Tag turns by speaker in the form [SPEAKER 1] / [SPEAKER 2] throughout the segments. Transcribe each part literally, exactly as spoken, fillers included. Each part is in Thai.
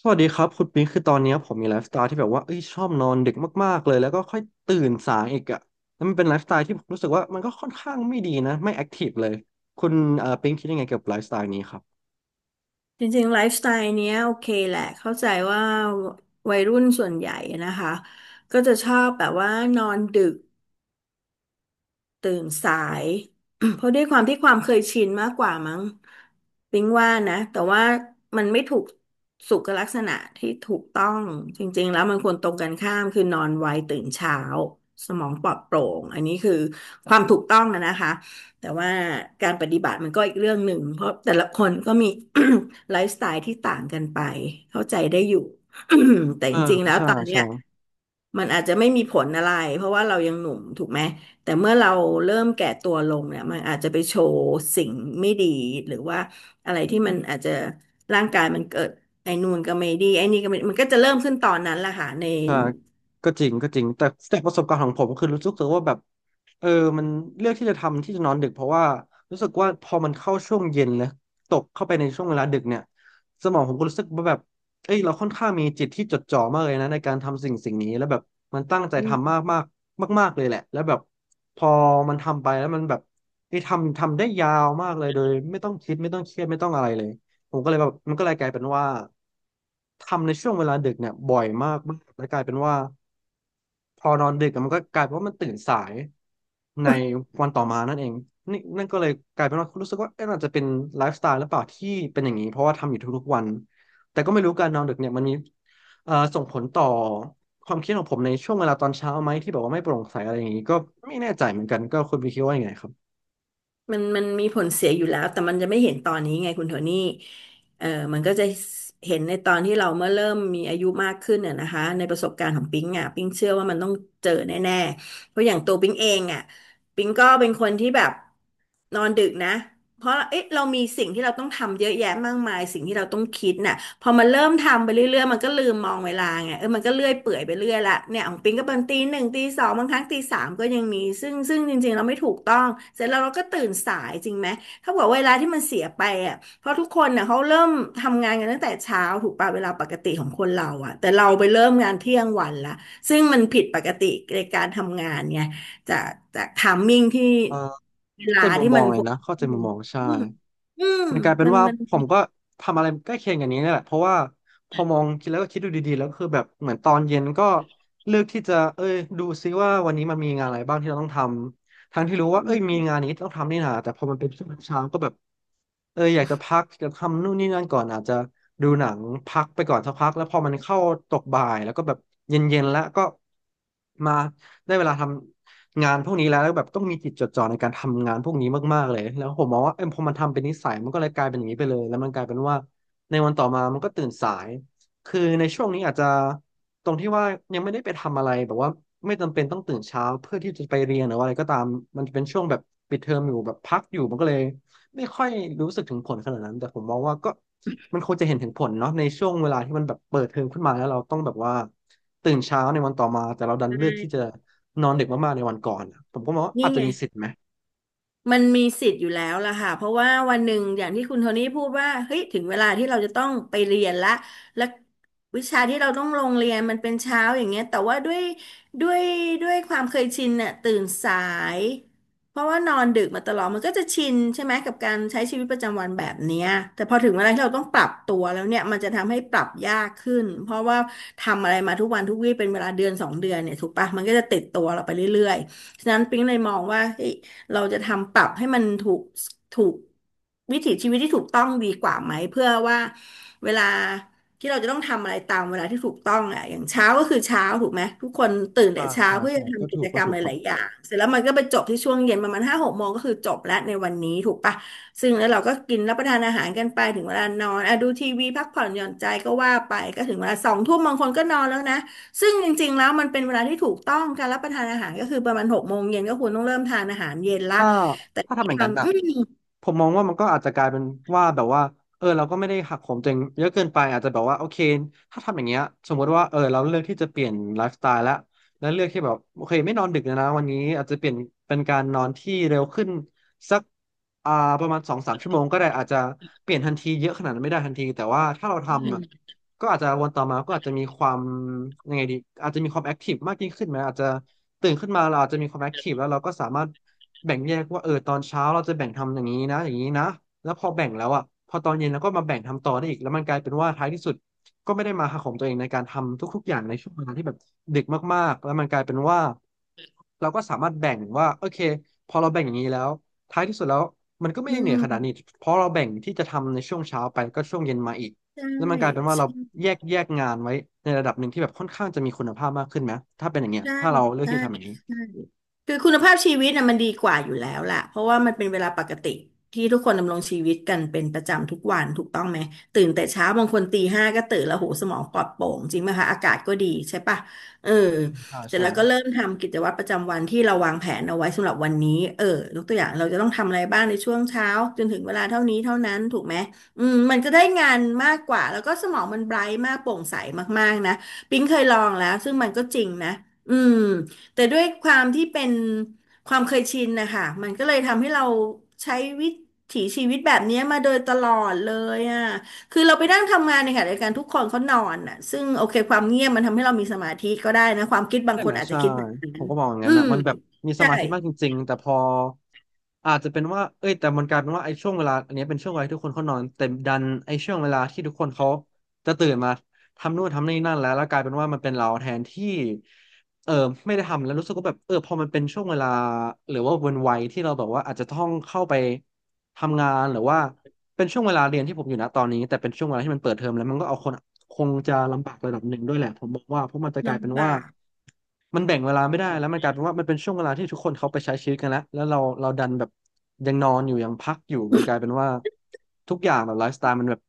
[SPEAKER 1] สวัสดีครับคุณปิงคือตอนเนี้ยผมมีไลฟ์สไตล์ที่แบบว่าเอ้ยชอบนอนดึกมากๆเลยแล้วก็ค่อยตื่นสายอีกอ่ะแล้วมันเป็นไลฟ์สไตล์ที่ผมรู้สึกว่ามันก็ค่อนข้างไม่ดีนะไม่แอคทีฟเลยคุณเอ่อปิงคิดยังไงเกี่ยวกับไลฟ์สไตล์นี้ครับ
[SPEAKER 2] จริงๆไลฟ์สไตล์เนี้ยโอเคแหละเข้าใจว่าวัยรุ่นส่วนใหญ่นะคะก็จะชอบแบบว่านอนดึก ตื่นสาย เพราะด้วยความที่ความเคยชินมากกว่ามั้งปิ๊งว่านะแต่ว่ามันไม่ถูกสุขลักษณะที่ถูกต้องจริงๆแล้วมันควรตรงกันข้ามคือนอนไวตื่นเช้าสมองปลอดโปร่งอันนี้คือความถูกต้องอะนะคะแต่ว่าการปฏิบัติมันก็อีกเรื่องหนึ่งเพราะแต่ละคนก็มี ไลฟ์สไตล์ที่ต่างกันไปเข้าใจได้อยู่ แต่จ
[SPEAKER 1] อ่า
[SPEAKER 2] ริงๆแล้ว
[SPEAKER 1] ใช่
[SPEAKER 2] ตอนเนี้
[SPEAKER 1] ใช่
[SPEAKER 2] ยมันอาจจะไม่มีผลอะไรเพราะว่าเรายังหนุ่มถูกไหม แต่เมื่อเราเริ่มแก่ตัวลงเนี่ยมันอาจจะไปโชว์สิ่งไม่ดีหรือว่าอะไรที่มันอาจจะร่างกายมันเกิดไอ้นู่นก็ไม่ดีไอ้นี่ก็ไม่มันก็จะเริ่มขึ้นตอนนั้นแหละค่ะใน
[SPEAKER 1] อ่าก็จริงก็จริงแต่จากประสบการณ์ของผมก็คือรู้สึกว่าแบบเออมันเลือกที่จะทำที่จะนอนดึกเพราะว่ารู้สึกว่าพอมันเข้าช่วงเย็นแล้วตกเข้าไปในช่วงเวลาดึกเนี่ยสมองผมก็รู้สึกว่าแบบเอ้ยเราค่อนข้างมีจิตที่จดจ่อมากเลยนะในการทำสิ่งสิ่งนี้แล้วแบบมันตั้งใจ
[SPEAKER 2] อื
[SPEAKER 1] ทำ
[SPEAKER 2] ม
[SPEAKER 1] มากมากมากมากๆเลยแหละแล้วแบบพอมันทำไปแล้วมันแบบไอ้ยทำทำได้ยาวมากเลยโดยไม่ต้องคิดไม่ต้องเครียดไม่ต้องอะไรเลย ผมก็เลยแบบมันก็เลยกลายเป็นว่าทำในช่วงเวลาดึกเนี่ยบ่อยมากมากแล้วกลายเป็นว่าพอนอนดึกอะมันก็กลายเป็นว่ามันตื่นสายในวันต่อมานั่นเองนี่นั่นก็เลยกลายเป็นว่ารู้สึกว่าเอ๊ะอาจจะเป็นไลฟ์สไตล์หรือเปล่าที่เป็นอย่างนี้เพราะว่าทำอยู่ทุกๆวันแต่ก็ไม่รู้การนอนดึกเนี่ยมันมีเอ่อส่งผลต่อความคิดของผมในช่วงเวลาตอนเช้าไหมที่บอกว่าไม่โปร่งใสอะไรอย่างนี้ก็ไม่แน่ใจเหมือนกันก็คุณพี่คิดว่ายังไงครับ
[SPEAKER 2] มันมันมีผลเสียอยู่แล้วแต่มันจะไม่เห็นตอนนี้ไงคุณโทนี่เออมันก็จะเห็นในตอนที่เราเมื่อเริ่มมีอายุมากขึ้นน่ะนะคะในประสบการณ์ของปิ๊งอ่ะปิ๊งเชื่อว่ามันต้องเจอแน่ๆเพราะอย่างตัวปิ๊งเองอ่ะปิ๊งก็เป็นคนที่แบบ นอนดึกนะเพราะเอ๊ะเรามีสิ่งที่เราต้องทำเยอะแยะมากมายสิ่งที่เราต้องคิดน่ะพอมันเริ่มทำไปเรื่อยๆมันก็ลืมมองเวลาไงเออมันก็เลื่อยเปื่อยไปเรื่อยละเนี่ยของปิงก็เป็นตีหนึ่งตีสองบางครั้งตีสามก็ยังมีซึ่งซึ่งจริงๆเราไม่ถูกต้องเสร็จแล้วเราก็ตื่นสายจริงไหมถ้าบอกเวลาที่มันเสียไปอ่ะเพราะทุกคนน่ะเขาเริ่มทำงานกันตั้งแต่เช้าถูกป่ะเวลาปกติของคนเราอ่ะแต่เราไปเริ่มงานเที่ยงวันละซึ่งมันผิดปกติในการทำงานไง จากจากไทมิ่งที่
[SPEAKER 1] เอ่อ
[SPEAKER 2] เว
[SPEAKER 1] เข้าใจ
[SPEAKER 2] ลา
[SPEAKER 1] มุม
[SPEAKER 2] ที่
[SPEAKER 1] มอ
[SPEAKER 2] มั
[SPEAKER 1] ง
[SPEAKER 2] น
[SPEAKER 1] เล
[SPEAKER 2] ค
[SPEAKER 1] ย
[SPEAKER 2] วร
[SPEAKER 1] นะ
[SPEAKER 2] จะ
[SPEAKER 1] เข้าใจ
[SPEAKER 2] ขึ้น
[SPEAKER 1] มุมมองใช่
[SPEAKER 2] อืมอืม
[SPEAKER 1] มันกลายเป็น
[SPEAKER 2] มัน
[SPEAKER 1] ว่า
[SPEAKER 2] มัน
[SPEAKER 1] ผมก็ทำอะไรใกล้เคียงอย่างนี้เนี่ยแหละเพราะว่าพอมองคิดแล้วก็คิดดูดีๆแล้วก็คือแบบเหมือนตอนเย็นก็เลือกที่จะเอ้ยดูซิว่าวันนี้มันมีงานอะไรบ้างที่เราต้องทำทั้งที่รู้ว่า
[SPEAKER 2] อื
[SPEAKER 1] เอ้ยมี
[SPEAKER 2] ม
[SPEAKER 1] งานนี้ต้องทำนี่นาแต่พอมันเป็นช่วงเช้าก็แบบเอออยากจะพักจะทำนู่นนี่นั่นก่อนอาจจะดูหนังพักไปก่อนสักพักแล้วพอมันเข้าตกบ่ายแล้วก็แบบเย็นๆแล้วก็มาได้เวลาทำ งานพวกนี้แล้วแล้วแบบต้องมีจิตจดจ่อในการทำงานพวกนี้มากๆเลยแล้วผมมองว่าเอ็มพอมันทำเป็นนิสัยมันก็เลยกลายเป็นอย่างนี้ไปเลยแล้วมันกลายเป็นว่าในวันต่อมามันก็ตื่นสายคือในช่วงนี้อาจจะตรงที่ว่ายังไม่ได้ไปทำอะไรแบบว่าไม่จำเป็นต้องตื่นเช้าเพื่อที่จะไปเรียนหรือว่าอะไรก็ตามมันจะเป็นช่วงแบบปิดเทอมอยู่แบบพักอยู่มันก็เลย ไม่ค่อยรู้สึกถึงผลขนาดนั้นแต่ผมมองว่าก็มันควรจะเห็นถึงผลเนาะในช่วงเวลาที่มันแบบเปิดเทอมขึ้นมาแล้วเราต้องแบบว่าตื่นเช้าในวันต่อมาแต่เราดันเลือ
[SPEAKER 2] ได้
[SPEAKER 1] กที่จะนอนดึกมากๆในวันก่อนอะผมก็มองว่า
[SPEAKER 2] นี่
[SPEAKER 1] อาจจะ
[SPEAKER 2] ไง
[SPEAKER 1] มีสิทธิ์ไหม
[SPEAKER 2] มันมีสิทธิ์อยู่แล้วล่ะค่ะเพราะว่าวันหนึ่งอย่างที่คุณโทนี่พูดว่าเฮ้ยถึงเวลาที่เราจะต้องไปเรียนละและวิชาที่เราต้องลงเรียนมันเป็นเช้าอย่างเงี้ยแต่ว่าด้วยด้วยด้วยความเคยชินน่ะตื่นสายเพราะว่านอนดึกมาตลอดมันก็จะชินใช่ไหมกับการใช้ชีวิตประจำวันแบบเนี้ยแต่พอถึงเวลาที่เราต้องปรับตัวแล้วเนี่ยมันจะทำให้ปรับยากขึ้นเพราะว่าทำอะไรมาทุกวันทุกวี่เป็นเวลาเดือนสองเดือนเนี่ยถูกปะมันก็จะติดตัวเราไปเรื่อยๆฉะนั้นปิ๊งเลยมองว่าเฮ้ย เราจะทำปรับให้มันถูกถูกวิถีชีวิตที่ถูกต้องดีกว่าไหมเพื่อว่าเวลาที่เราจะต้องทำอะไรตามเวลาที่ถูกต้องอ่ะอย่างเช้าก็คือเช้าถูกไหมทุกคนตื่นแต่
[SPEAKER 1] ใช่
[SPEAKER 2] เช้า
[SPEAKER 1] ใช่
[SPEAKER 2] เพื่อ
[SPEAKER 1] ใช่
[SPEAKER 2] จะ
[SPEAKER 1] ก็
[SPEAKER 2] ทำกิ
[SPEAKER 1] ถู
[SPEAKER 2] จ
[SPEAKER 1] ก
[SPEAKER 2] ก
[SPEAKER 1] ก็
[SPEAKER 2] รรม
[SPEAKER 1] ถู
[SPEAKER 2] ห
[SPEAKER 1] กครับ
[SPEAKER 2] ลายๆอย่างเสร็จแล้วมันก็ไปจบที่ช่วงเย็นประมาณห้าหกโมงก็คือจบแล้วในวันนี้ถูกปะซึ่งแล้วเราก็กินรับประทานอาหารกันไปถึงเวลานอนอ่ะดูทีวีพักผ่อนหย่อนใจก็ว่าไปก็ถึงเวลาสองทุ่มบางคนก็นอนแล้วนะ ซึ่งจริงๆแล้วมันเป็นเวลาที่ถูกต้องการรับประทานอาหารก็คือประมาณหกโมงเย็นก็ควรต้องเริ่มทานอาหารเย็นละ
[SPEAKER 1] ถ้า
[SPEAKER 2] แต่
[SPEAKER 1] ถ้า
[SPEAKER 2] ด้
[SPEAKER 1] ทำอย่า
[SPEAKER 2] ค
[SPEAKER 1] ง
[SPEAKER 2] วา
[SPEAKER 1] นั้น
[SPEAKER 2] ม
[SPEAKER 1] อ่ะ
[SPEAKER 2] อื
[SPEAKER 1] ผมมองว่ามันก็อาจจะกลายเป็นว่าแบบว่าเออเราก็ไม่ได้หักโหมตัวเองเยอะเกินไปอาจจะแบบว่าโอเคถ้าทำอย่างเงี้ยสมมติว่าเออเราเลือกที่จะเปลี่ยนไลฟ์สไตล์แล้วแล้วเลือกที่แบบโอเคไม่นอนดึกแล้วนะวันนี้อาจจะเปลี่ยนเป็นการนอนที่เร็วขึ้นสักอ่าประมาณสองสามชั่วโมงก็ได้อาจจะเปลี่ยนทันทีเยอะขนาดนั้นไม่ได้ทันทีแต่ว่าถ้าเราทำอะ
[SPEAKER 2] ม
[SPEAKER 1] ก็อาจจะวันต่อมาก็อาจจะมีความยังไงดีอาจจะมีความแอคทีฟมากยิ่งขึ้นไหมอาจจะตื่นขึ้นมาเราอาจจะมีความแอคทีฟแล้วเราก็สามารถ แบ่งแยกว่าเออตอนเช้าเราจะแบ่งทำอย่างนี้นะอย่างนี้นะแล้วพอแบ่งแล้วอ่ะพอตอนเย็นเราก็มาแบ่งทำต่อได้อีกแล้วมันกลายเป็นว่าท้ายที่สุดก็ไม่ได้มาหาของตัวเองในการทำทุกๆอย่างในช่วงเวลาที่แบบเด็กมากๆแล้วมันกลายเป็นว่าเราก็สามารถแบ่งว่าโอเคพอเราแบ่งอย่างนี้แล้วท้ายที่สุดแล้วมันก็ไม่
[SPEAKER 2] อื
[SPEAKER 1] ได้เหนื่อย
[SPEAKER 2] ม
[SPEAKER 1] ขนาดนี้เพราะเราแบ่งที่จะทำในช่วงเช้าไปก็ช่วงเย็นมาอีก
[SPEAKER 2] ใช่
[SPEAKER 1] แล้วมันกลายเป็นว่าเรา
[SPEAKER 2] ใช่
[SPEAKER 1] แยกแยกงานไว้ในระดับหนึ่งที่แบบค่อนข้างจะมีคุณภาพมากขึ้นไหมถ้าเป็นอย่างเงี้ย
[SPEAKER 2] ใช่
[SPEAKER 1] ถ้าเราเลือก
[SPEAKER 2] ใช่
[SPEAKER 1] ที่จะทำอย่างนี้
[SPEAKER 2] ใช่คือคุณภาพชีวิตน่ะมันดีกว่าอยู่แล้วล่ะเพราะว่ามันเป็นเวลาปกติที่ทุกคนดำรงชีวิตกันเป็นประจำทุกวันถูกต้องไหม ตื่นแต่เช้าบางคนตีห้าก็ตื่นแล้วโหสมองปลอดโปร่งจริงไหมคะอากาศก็ดีใช่ปะเออ
[SPEAKER 1] ใช่
[SPEAKER 2] เสร็จ
[SPEAKER 1] ใช่
[SPEAKER 2] แล้วก็เริ่มทำกิจวัตรประจำวันที่เราวางแผนเอาไว้สำหรับวันนี้เออยกตัวอย่างเราจะต้องทำอะไรบ้างในช่วงเช้าจนถึงเวลาเท่านี้เท่านั้นถูกไหมอืมมันก็ได้งานมากกว่าแล้วก็สมองมันไบรท์มากโปร่งใสมากๆนะปิ๊งเคยลองแล้วซึ่งมันก็จริงนะ อืมแต่ด้วยความที่เป็นความเคยชินนะคะมันก็เลยทำให้เราใช้วิถีชีวิตแบบนี้มาโดยตลอดเลยอ่ะคือเราไปนั่งทำงานในขณะเดียวกันทุกคนเขานอนอ่ะซึ่งโอเคความเงียบมันทำให้เรามีสมาธิก็ได้นะความคิดบาง
[SPEAKER 1] ใช่
[SPEAKER 2] ค
[SPEAKER 1] ไหม
[SPEAKER 2] นอาจจะ
[SPEAKER 1] ใช่
[SPEAKER 2] คิดแบบนั้
[SPEAKER 1] ผ
[SPEAKER 2] น
[SPEAKER 1] มก็มองอย่าง
[SPEAKER 2] อื
[SPEAKER 1] นั้นนะ
[SPEAKER 2] ม
[SPEAKER 1] มันแบบมีส
[SPEAKER 2] ใช่
[SPEAKER 1] มาธิมากจริงๆแต่พออาจจะเป็นว่าเอ้ยแต่มันกลายเป็นว่าไอ้ช่วงเวลาอันเนี้ยเป็นช่วงเวลาที่ทุกคนเขานอนแต่ดันไอ้ช่วงเวลาที่ทุกคนเขาจะตื่นมาทำนู่นทำนี่นั่นแล้วแล้วกลายเป็นว่ามันเป็นเราแทนที่เออไม่ได้ทำแล้วรู้สึกว่าแบบเออพอมันเป็นช่วงเวลาหรือว่าวันวัยที่เราแบบว่าอาจจะต้องเข้าไปทำงานหรือว่า เป็นช่วงเวลาเรียนที่ผมอยู่นะตอนนี้แต่เป็นช่วงเวลาที่มันเปิดเทอมแล้วมันก็เอาคนคงจะลำบากระดับหนึ่งด้วยแหละผมบอกว่าเพราะมันจะกลายเป็น
[SPEAKER 2] ลำ
[SPEAKER 1] ว่า
[SPEAKER 2] บาก
[SPEAKER 1] มันแบ่งเวลาไม่ได้แล้วมันกลายเป็นว่ามันเป็นช่วงเวลาที่ทุกคนเขาไปใช้ชีวิตกันแล้วแล้วเราเราดันแบบยังนอนอยู่ยังพักอยู่มันกลายเป็นว่าทุกอย่างแบบไลฟ์สไตล์มันแบบ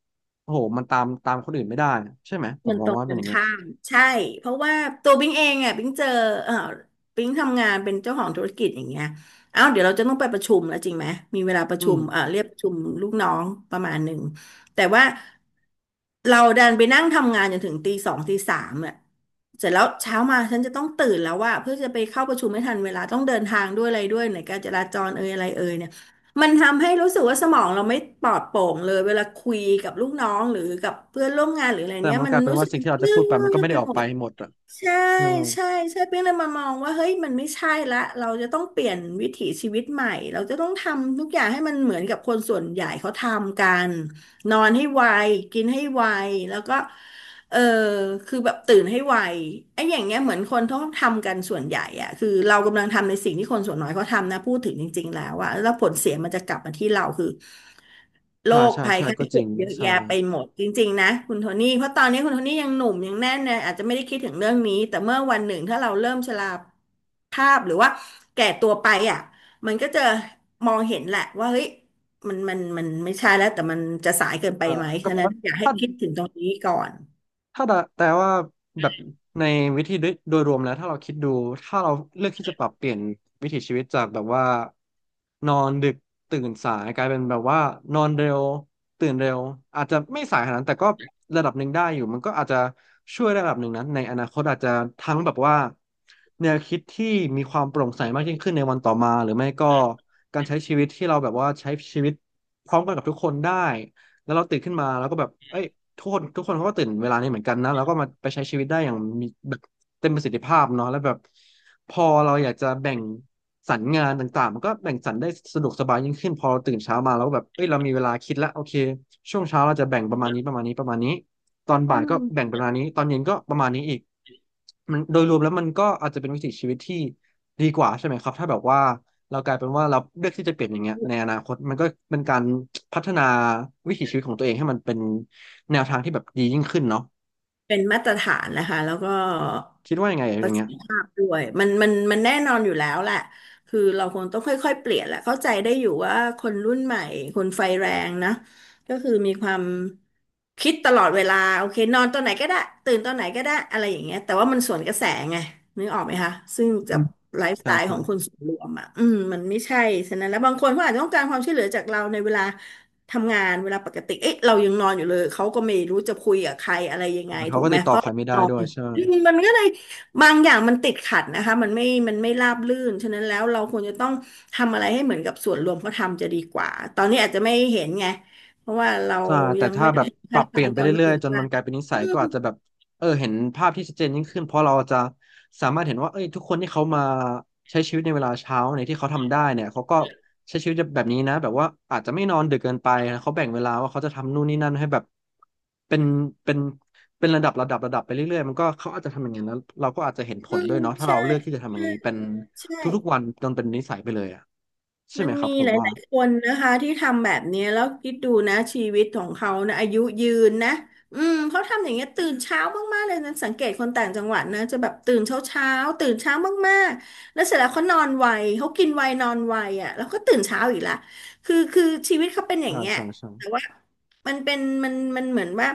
[SPEAKER 1] โอ้โหมันตามตามคนอื่นไม่ได้อะใช่ไหมผ
[SPEAKER 2] มั
[SPEAKER 1] ม
[SPEAKER 2] น
[SPEAKER 1] ม
[SPEAKER 2] ต
[SPEAKER 1] อง
[SPEAKER 2] รง
[SPEAKER 1] ว่าเป็
[SPEAKER 2] กั
[SPEAKER 1] นอ
[SPEAKER 2] น
[SPEAKER 1] ย่างเงี้ย
[SPEAKER 2] ข้ามใช่เพราะว่าตัวบิงเองอ่ะบิงเจอเออบิงทำงานเป็นเจ้าของธุรกิจอย่างเงี้ยเอ้าเดี๋ยวเราจะต้องไปประชุมแล้วจริงไหมมีเวลาประ
[SPEAKER 1] อื
[SPEAKER 2] ชุ
[SPEAKER 1] ม
[SPEAKER 2] มเออเรียกประชุมลูกน้องประมาณหนึ่งแต่ว่าเราดันไปนั่งทำงานจนถึงตีสองตีสามอ่ะเสร็จแล้วเช้ามาฉันจะต้องตื่นแล้วว่าเพื่อจะไปเข้าประชุมไม่ทันเวลาต้องเดินทางด้วยอะไรด้วยไหนการจราจรเอ่ยอะไรเอ่ย มันทำให้รู้สึกว่าสมองเราไม่ปลอดโปร่งเลยเวลาคุยกับลูกน้องหรือกับเพื่อนร่วมงานหรืออะไร
[SPEAKER 1] แต่
[SPEAKER 2] เนี้ย
[SPEAKER 1] มัน
[SPEAKER 2] มั
[SPEAKER 1] ก
[SPEAKER 2] น
[SPEAKER 1] ลายเป็น
[SPEAKER 2] รู้สึ
[SPEAKER 1] ว่า
[SPEAKER 2] ก
[SPEAKER 1] สิ่งที่เราจะ
[SPEAKER 2] เย
[SPEAKER 1] พู
[SPEAKER 2] อะ
[SPEAKER 1] ดไปมันก็ไม่
[SPEAKER 2] ไป
[SPEAKER 1] ได้ออ
[SPEAKER 2] ห
[SPEAKER 1] ก
[SPEAKER 2] ม
[SPEAKER 1] ไป
[SPEAKER 2] ด
[SPEAKER 1] หมดอ่ะ
[SPEAKER 2] ใช่
[SPEAKER 1] ใช่
[SPEAKER 2] ใช่ใช่เพียงเลยมามองว่าเฮ้ยมันไม่ใช่ละเราจะต้องเปลี่ยนวิถีชีวิตใหม่เราจะต้องทำทุกอย่างให้มันเหมือนกับคนส่วนใหญ่เขาทำกันนอนให้ไวกินให้ไวแล้วก็เออคือแบบตื่นให้ไวไอ้อย่างเงี้ยเหมือนคนเขาทำกันส่วนใหญ่อะคือเรากำลังทำในสิ่งที่คนส่วนน้อยเขาทำนะพูดถึงจริงๆแล้วอะแล้วผลเสียมันจะกลับมาที่เราคือ โร
[SPEAKER 1] ใช่
[SPEAKER 2] ค
[SPEAKER 1] ใช่
[SPEAKER 2] ภัย
[SPEAKER 1] ใช่
[SPEAKER 2] ไข้
[SPEAKER 1] ก็จ
[SPEAKER 2] เจ็
[SPEAKER 1] ริ
[SPEAKER 2] บ
[SPEAKER 1] ง
[SPEAKER 2] เยอะ
[SPEAKER 1] ใช่
[SPEAKER 2] แยะไปหมดจริงๆนะคุณโทนี่เพราะตอนนี้คุณโทนี่ยังหนุ่มยังแน่นเลยอาจจะไม่ได้คิดถึงเรื่องนี้แต่เมื่อวันหนึ่งถ้าเราเริ่มชราภาพหรือว่าแก่ตัวไปอ่ะมันก็จะมองเห็นแหละว่าเฮ้ยมันมันมันไม่ใช่แล้วแต่มันจะสายเกินไป
[SPEAKER 1] เออ
[SPEAKER 2] ไหม
[SPEAKER 1] ก็
[SPEAKER 2] ฉะ
[SPEAKER 1] แปล
[SPEAKER 2] นั้น
[SPEAKER 1] ว่า
[SPEAKER 2] อยากให้
[SPEAKER 1] ถ้า
[SPEAKER 2] คิดถึงตรงนี้ก่อน
[SPEAKER 1] ถ้าแต่แต่ว่าแบบในวิธีโดยโดยรวมแล้วถ้าเราคิดดูถ้าเราเลือกที่จะปรับเปลี่ยนวิถีชีวิตจากแบบว่านอนดึกตื่นสายกลายเป็นแบบว่านอนเร็วตื่นเร็วอาจจะไม่สายขนาดนั้นแต่ก็ระดับหนึ่งได้อยู่มันก็อาจจะช่วยระดับหนึ่งนะในอนาคตอาจจะทั้งแบบว่าแนวคิดที่มีความโปร่งใสมากยิ่งขึ้นในวันต่อมาหรือไม่ก็การใช้ชีวิตที่เราแบบว่าใช้ชีวิตพร้อมกันกับทุกคนได้แล้วเราตื่นขึ้นมาแล้วก็แบบเอ้ย ทุกคนทุกคนเขาก็ตื่นเวลานี้เหมือนกันนะแล้วก็มาไปใช้ชีวิตได้อย่างมีแบบเต็มประสิทธิภาพเนาะแล้วแบบพอเราอยากจะแบ่งสรรงานต่างๆมันก็แบ่งสรรได้สะดวกสบายยิ่งขึ้นพอเราตื่นเช้ามาแล้วแบบเอ้ยเรามีเวลาคิดแล้วโอเคช่วงเช้าเราจะแบ่งประมาณนี้ประมาณนี้ประมาณนี้ตอนบ่ายก็แบ่งประมาณนี้ตอนเย็นก็ประมาณนี้อีกมันโดยรวมแล้วมันก็อาจจะเป็นวิถีชีวิตที่ดีกว่าใช่ไหมครับถ้าแบบว่า เรากลายเป็นว่าเราเลือกที่จะเปลี่ยนอย่างเงี้ยในอนาคตมันก็เป็นการพัฒนาวิถีชีวิตของตัวเองให้มันเป็นแนวทางที่แบบดียิ่งขึ้นเนาะ
[SPEAKER 2] เป็นมาตรฐานนะคะแล้วก็
[SPEAKER 1] คิดว่ายังไงอ
[SPEAKER 2] ป
[SPEAKER 1] ย่า
[SPEAKER 2] ระ
[SPEAKER 1] ง
[SPEAKER 2] สิ
[SPEAKER 1] เงี้
[SPEAKER 2] ท
[SPEAKER 1] ย
[SPEAKER 2] ธิภาพด้วยมันมันมันแน่นอนอยู่แล้วแหละคือเราคงต้องค่อยๆเปลี่ยนแหละเข้าใจได้อยู่ว่าคนรุ่นใหม่คนไฟแรงนะก็คือมีความคิดตลอดเวลาโอเคนอนตอนไหนก็ได้ตื่นตอนไหนก็ได้อะไรอย่างเงี้ยแต่ว่ามันสวนกระแสไงนึกออกไหมคะซึ่ง
[SPEAKER 1] อื
[SPEAKER 2] กั
[SPEAKER 1] ม
[SPEAKER 2] บไลฟ์ส
[SPEAKER 1] ใช่
[SPEAKER 2] ไตล์ข
[SPEAKER 1] ใช่
[SPEAKER 2] องคนส่วนรวมอ่ะอืมมันไม่ใช่ฉะนั้นแล้วบางคนเขาอาจจะต้องการความช่วยเหลือจากเราในเวลา ทำงานเวลาปกติเอ๊ะเรายังนอนอยู่เลยเขาก็ไม่รู้จะคุยกับใครอะไรยังไง
[SPEAKER 1] เขา
[SPEAKER 2] ถูก
[SPEAKER 1] ก็
[SPEAKER 2] ไหม
[SPEAKER 1] ติด
[SPEAKER 2] เพ
[SPEAKER 1] ต่อ
[SPEAKER 2] ราะ
[SPEAKER 1] ใคร
[SPEAKER 2] เรา
[SPEAKER 1] ไม่ได้
[SPEAKER 2] นอ
[SPEAKER 1] ด้ว
[SPEAKER 2] น
[SPEAKER 1] ยใช่
[SPEAKER 2] อืมมันก็เลยบางอย่างมันติดขัดนะคะมันไม่มันไม่ราบรื่นฉะนั้นแล้วเราควรจะต้องทำอะไรให้เหมือนกับส่วนรวมเขาทำจะดีกว่าตอนนี้อาจจะไม่เห็นไงเพราะว่าเรา
[SPEAKER 1] ใช่แต่
[SPEAKER 2] ยัง
[SPEAKER 1] ถ้า
[SPEAKER 2] ไม่ได้
[SPEAKER 1] แบบ
[SPEAKER 2] ถึง
[SPEAKER 1] ปรั
[SPEAKER 2] ขั้น
[SPEAKER 1] บ
[SPEAKER 2] ต
[SPEAKER 1] เป
[SPEAKER 2] อ
[SPEAKER 1] ลี่ย
[SPEAKER 2] น
[SPEAKER 1] นไป
[SPEAKER 2] จน
[SPEAKER 1] เรื่อ
[SPEAKER 2] ถึ
[SPEAKER 1] ย
[SPEAKER 2] ง
[SPEAKER 1] ๆจน
[SPEAKER 2] ว่า
[SPEAKER 1] มันกลายเป็นนิสั
[SPEAKER 2] อื
[SPEAKER 1] ยก็
[SPEAKER 2] ม
[SPEAKER 1] อาจจะแบบเออเห็นภาพที่ชัดเจนยิ่งขึ้นเพราะเราจะสามารถเห็นว่าเอ้ยทุกคนที่เขามาใช้ชีวิตในเวลาเช้าในยที่เขาทำได้เนี่ยเขาก็ใช้ชีวิตแบบนี้นะแบบว่าอาจจะไม่นอนดึกเกินไปนะเขาแบ่งเวลาว่าเขาจะทำนู่นนี่นั่นให้แบบเป็นเป็นเป็นระดับระดับระดับไปเรื่อยๆมันก็เขาอาจจะทำอย่างนั้นแล้วเราก็อาจจะเห็นผ
[SPEAKER 2] อื
[SPEAKER 1] ลด้ว
[SPEAKER 2] ม
[SPEAKER 1] ยเนาะถ้า
[SPEAKER 2] ใช่
[SPEAKER 1] เราเลือกที่จะทำอย่า
[SPEAKER 2] ใช่
[SPEAKER 1] งนี้เป็น
[SPEAKER 2] ใช่
[SPEAKER 1] ทุกๆวันจนเป็นนิสัยไปเลยอ่ะใช่
[SPEAKER 2] มั
[SPEAKER 1] ไหม
[SPEAKER 2] น
[SPEAKER 1] ครั
[SPEAKER 2] มี
[SPEAKER 1] บผม
[SPEAKER 2] ห
[SPEAKER 1] ว่า
[SPEAKER 2] ลายๆคนนะคะที่ทำแบบเนี้ยแล้วคิดดูนะชีวิตของเขานะอายุยืนนะอืมเขาทำอย่างเงี้ยตื่นเช้ามากๆเลยนะสังเกตคนต่างจังหวัดนะจะแบบตื่นเช้าเช้าตื่นเช้ามากๆแล้วเสร็จแล้วเขานอนไวเขากินไวนอนไวอ่ะแล้วก็ตื่นเช้าอีกละคือคือชีวิตเขาเป็นอย่าง
[SPEAKER 1] ใช่
[SPEAKER 2] เงี้ย
[SPEAKER 1] ใช่ใช่
[SPEAKER 2] แต่ว่ามันเป็นมันมันเหมือนว่า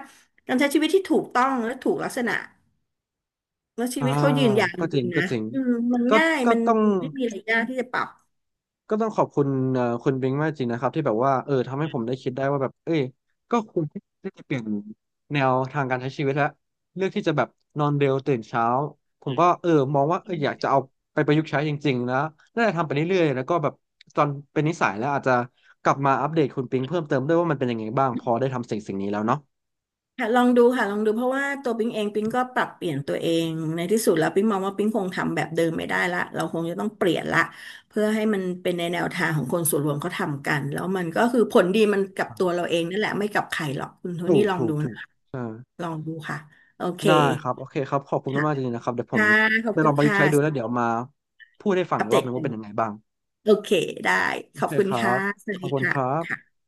[SPEAKER 2] การใช้ชีวิตที่ถูกต้องและถูกลักษณะแล้วชี
[SPEAKER 1] อ่า
[SPEAKER 2] วิตเขายืนยาวจ
[SPEAKER 1] ก็จริ
[SPEAKER 2] ริ
[SPEAKER 1] ง
[SPEAKER 2] งๆ
[SPEAKER 1] ก็
[SPEAKER 2] นะ
[SPEAKER 1] จริง
[SPEAKER 2] อืมมัน
[SPEAKER 1] ก็
[SPEAKER 2] ง่าย
[SPEAKER 1] ก็
[SPEAKER 2] มัน
[SPEAKER 1] ต้อง
[SPEAKER 2] ไม่มีอะไรยากที่จะปรับ
[SPEAKER 1] ก็ต้องขอบคุณเอ่อคุณบิงมากจริงนะครับที่แบบว่าเออทำให้ผมได้คิดได้ว่าแบบเอ้ยก็ควรที่จะเปลี่ยนแนวทางการใช้ชีวิตแล้วเลือกที่จะแบบนอนเร็วตื่นเช้าผมก็เออมองว่าเอออยากจะเอาไปประยุกต์ใช้จริงๆนะน่าจะทำไปเรื่อยๆแล้วก็แบบตอนเป็นนิสัยแล้วอาจจะกลับมาอัปเดตคุณปิงเพิ่มเติมด้วยว่ามันเป็นยังไงบ้างพอได้ทำสิ่งสิ่งนี้แล้วเนาะ
[SPEAKER 2] ค่ะลองดูค่ะลองดูเพราะว่าตัวปิ๊งเองปิ๊งก็ปรับเปลี่ยนตัวเองในที่สุดแล้วปิ๊งมองว่าปิ๊งคงทำแบบเดิมไม่ได้ละเราคงจะต้องเปลี่ยนละเพื่อให้มันเป็นในแนวทางของคนส่วนรวมเขาทำกันแล้วมันก็คือผลดีมันกับตัวเราเองนั่นแหละไม่กับใครหรอกคุณโท
[SPEAKER 1] ถู
[SPEAKER 2] นี่
[SPEAKER 1] ก
[SPEAKER 2] ลอง
[SPEAKER 1] ถูก
[SPEAKER 2] ดู
[SPEAKER 1] ถู
[SPEAKER 2] นะ
[SPEAKER 1] ก
[SPEAKER 2] คะ
[SPEAKER 1] ใช่
[SPEAKER 2] ลองดูค่ะโอเค
[SPEAKER 1] ได้ครับโอเคครับขอบคุณ
[SPEAKER 2] ค่ะ
[SPEAKER 1] มากๆจริงๆนะครับเดี๋ยวผม
[SPEAKER 2] ค่ะขอบ
[SPEAKER 1] ไป
[SPEAKER 2] คุ
[SPEAKER 1] ลอ
[SPEAKER 2] ณ
[SPEAKER 1] งประยุก
[SPEAKER 2] ค่ะ
[SPEAKER 1] ต์ใช้ดูแล้วเดี๋ยวมาพูดให้ฟัง
[SPEAKER 2] อั
[SPEAKER 1] อี
[SPEAKER 2] ป
[SPEAKER 1] กร
[SPEAKER 2] เด
[SPEAKER 1] อบห
[SPEAKER 2] ต
[SPEAKER 1] นึง
[SPEAKER 2] กั
[SPEAKER 1] ว่า
[SPEAKER 2] น
[SPEAKER 1] เป็นยังไงบ้าง
[SPEAKER 2] โอเคได้
[SPEAKER 1] โอ
[SPEAKER 2] ขอ
[SPEAKER 1] เค
[SPEAKER 2] บคุณ
[SPEAKER 1] ครั
[SPEAKER 2] ค่ะ
[SPEAKER 1] บ
[SPEAKER 2] สวั
[SPEAKER 1] ข
[SPEAKER 2] ส
[SPEAKER 1] อบ
[SPEAKER 2] ดี
[SPEAKER 1] คุณค
[SPEAKER 2] ค่ะ
[SPEAKER 1] รับ
[SPEAKER 2] ค่ะ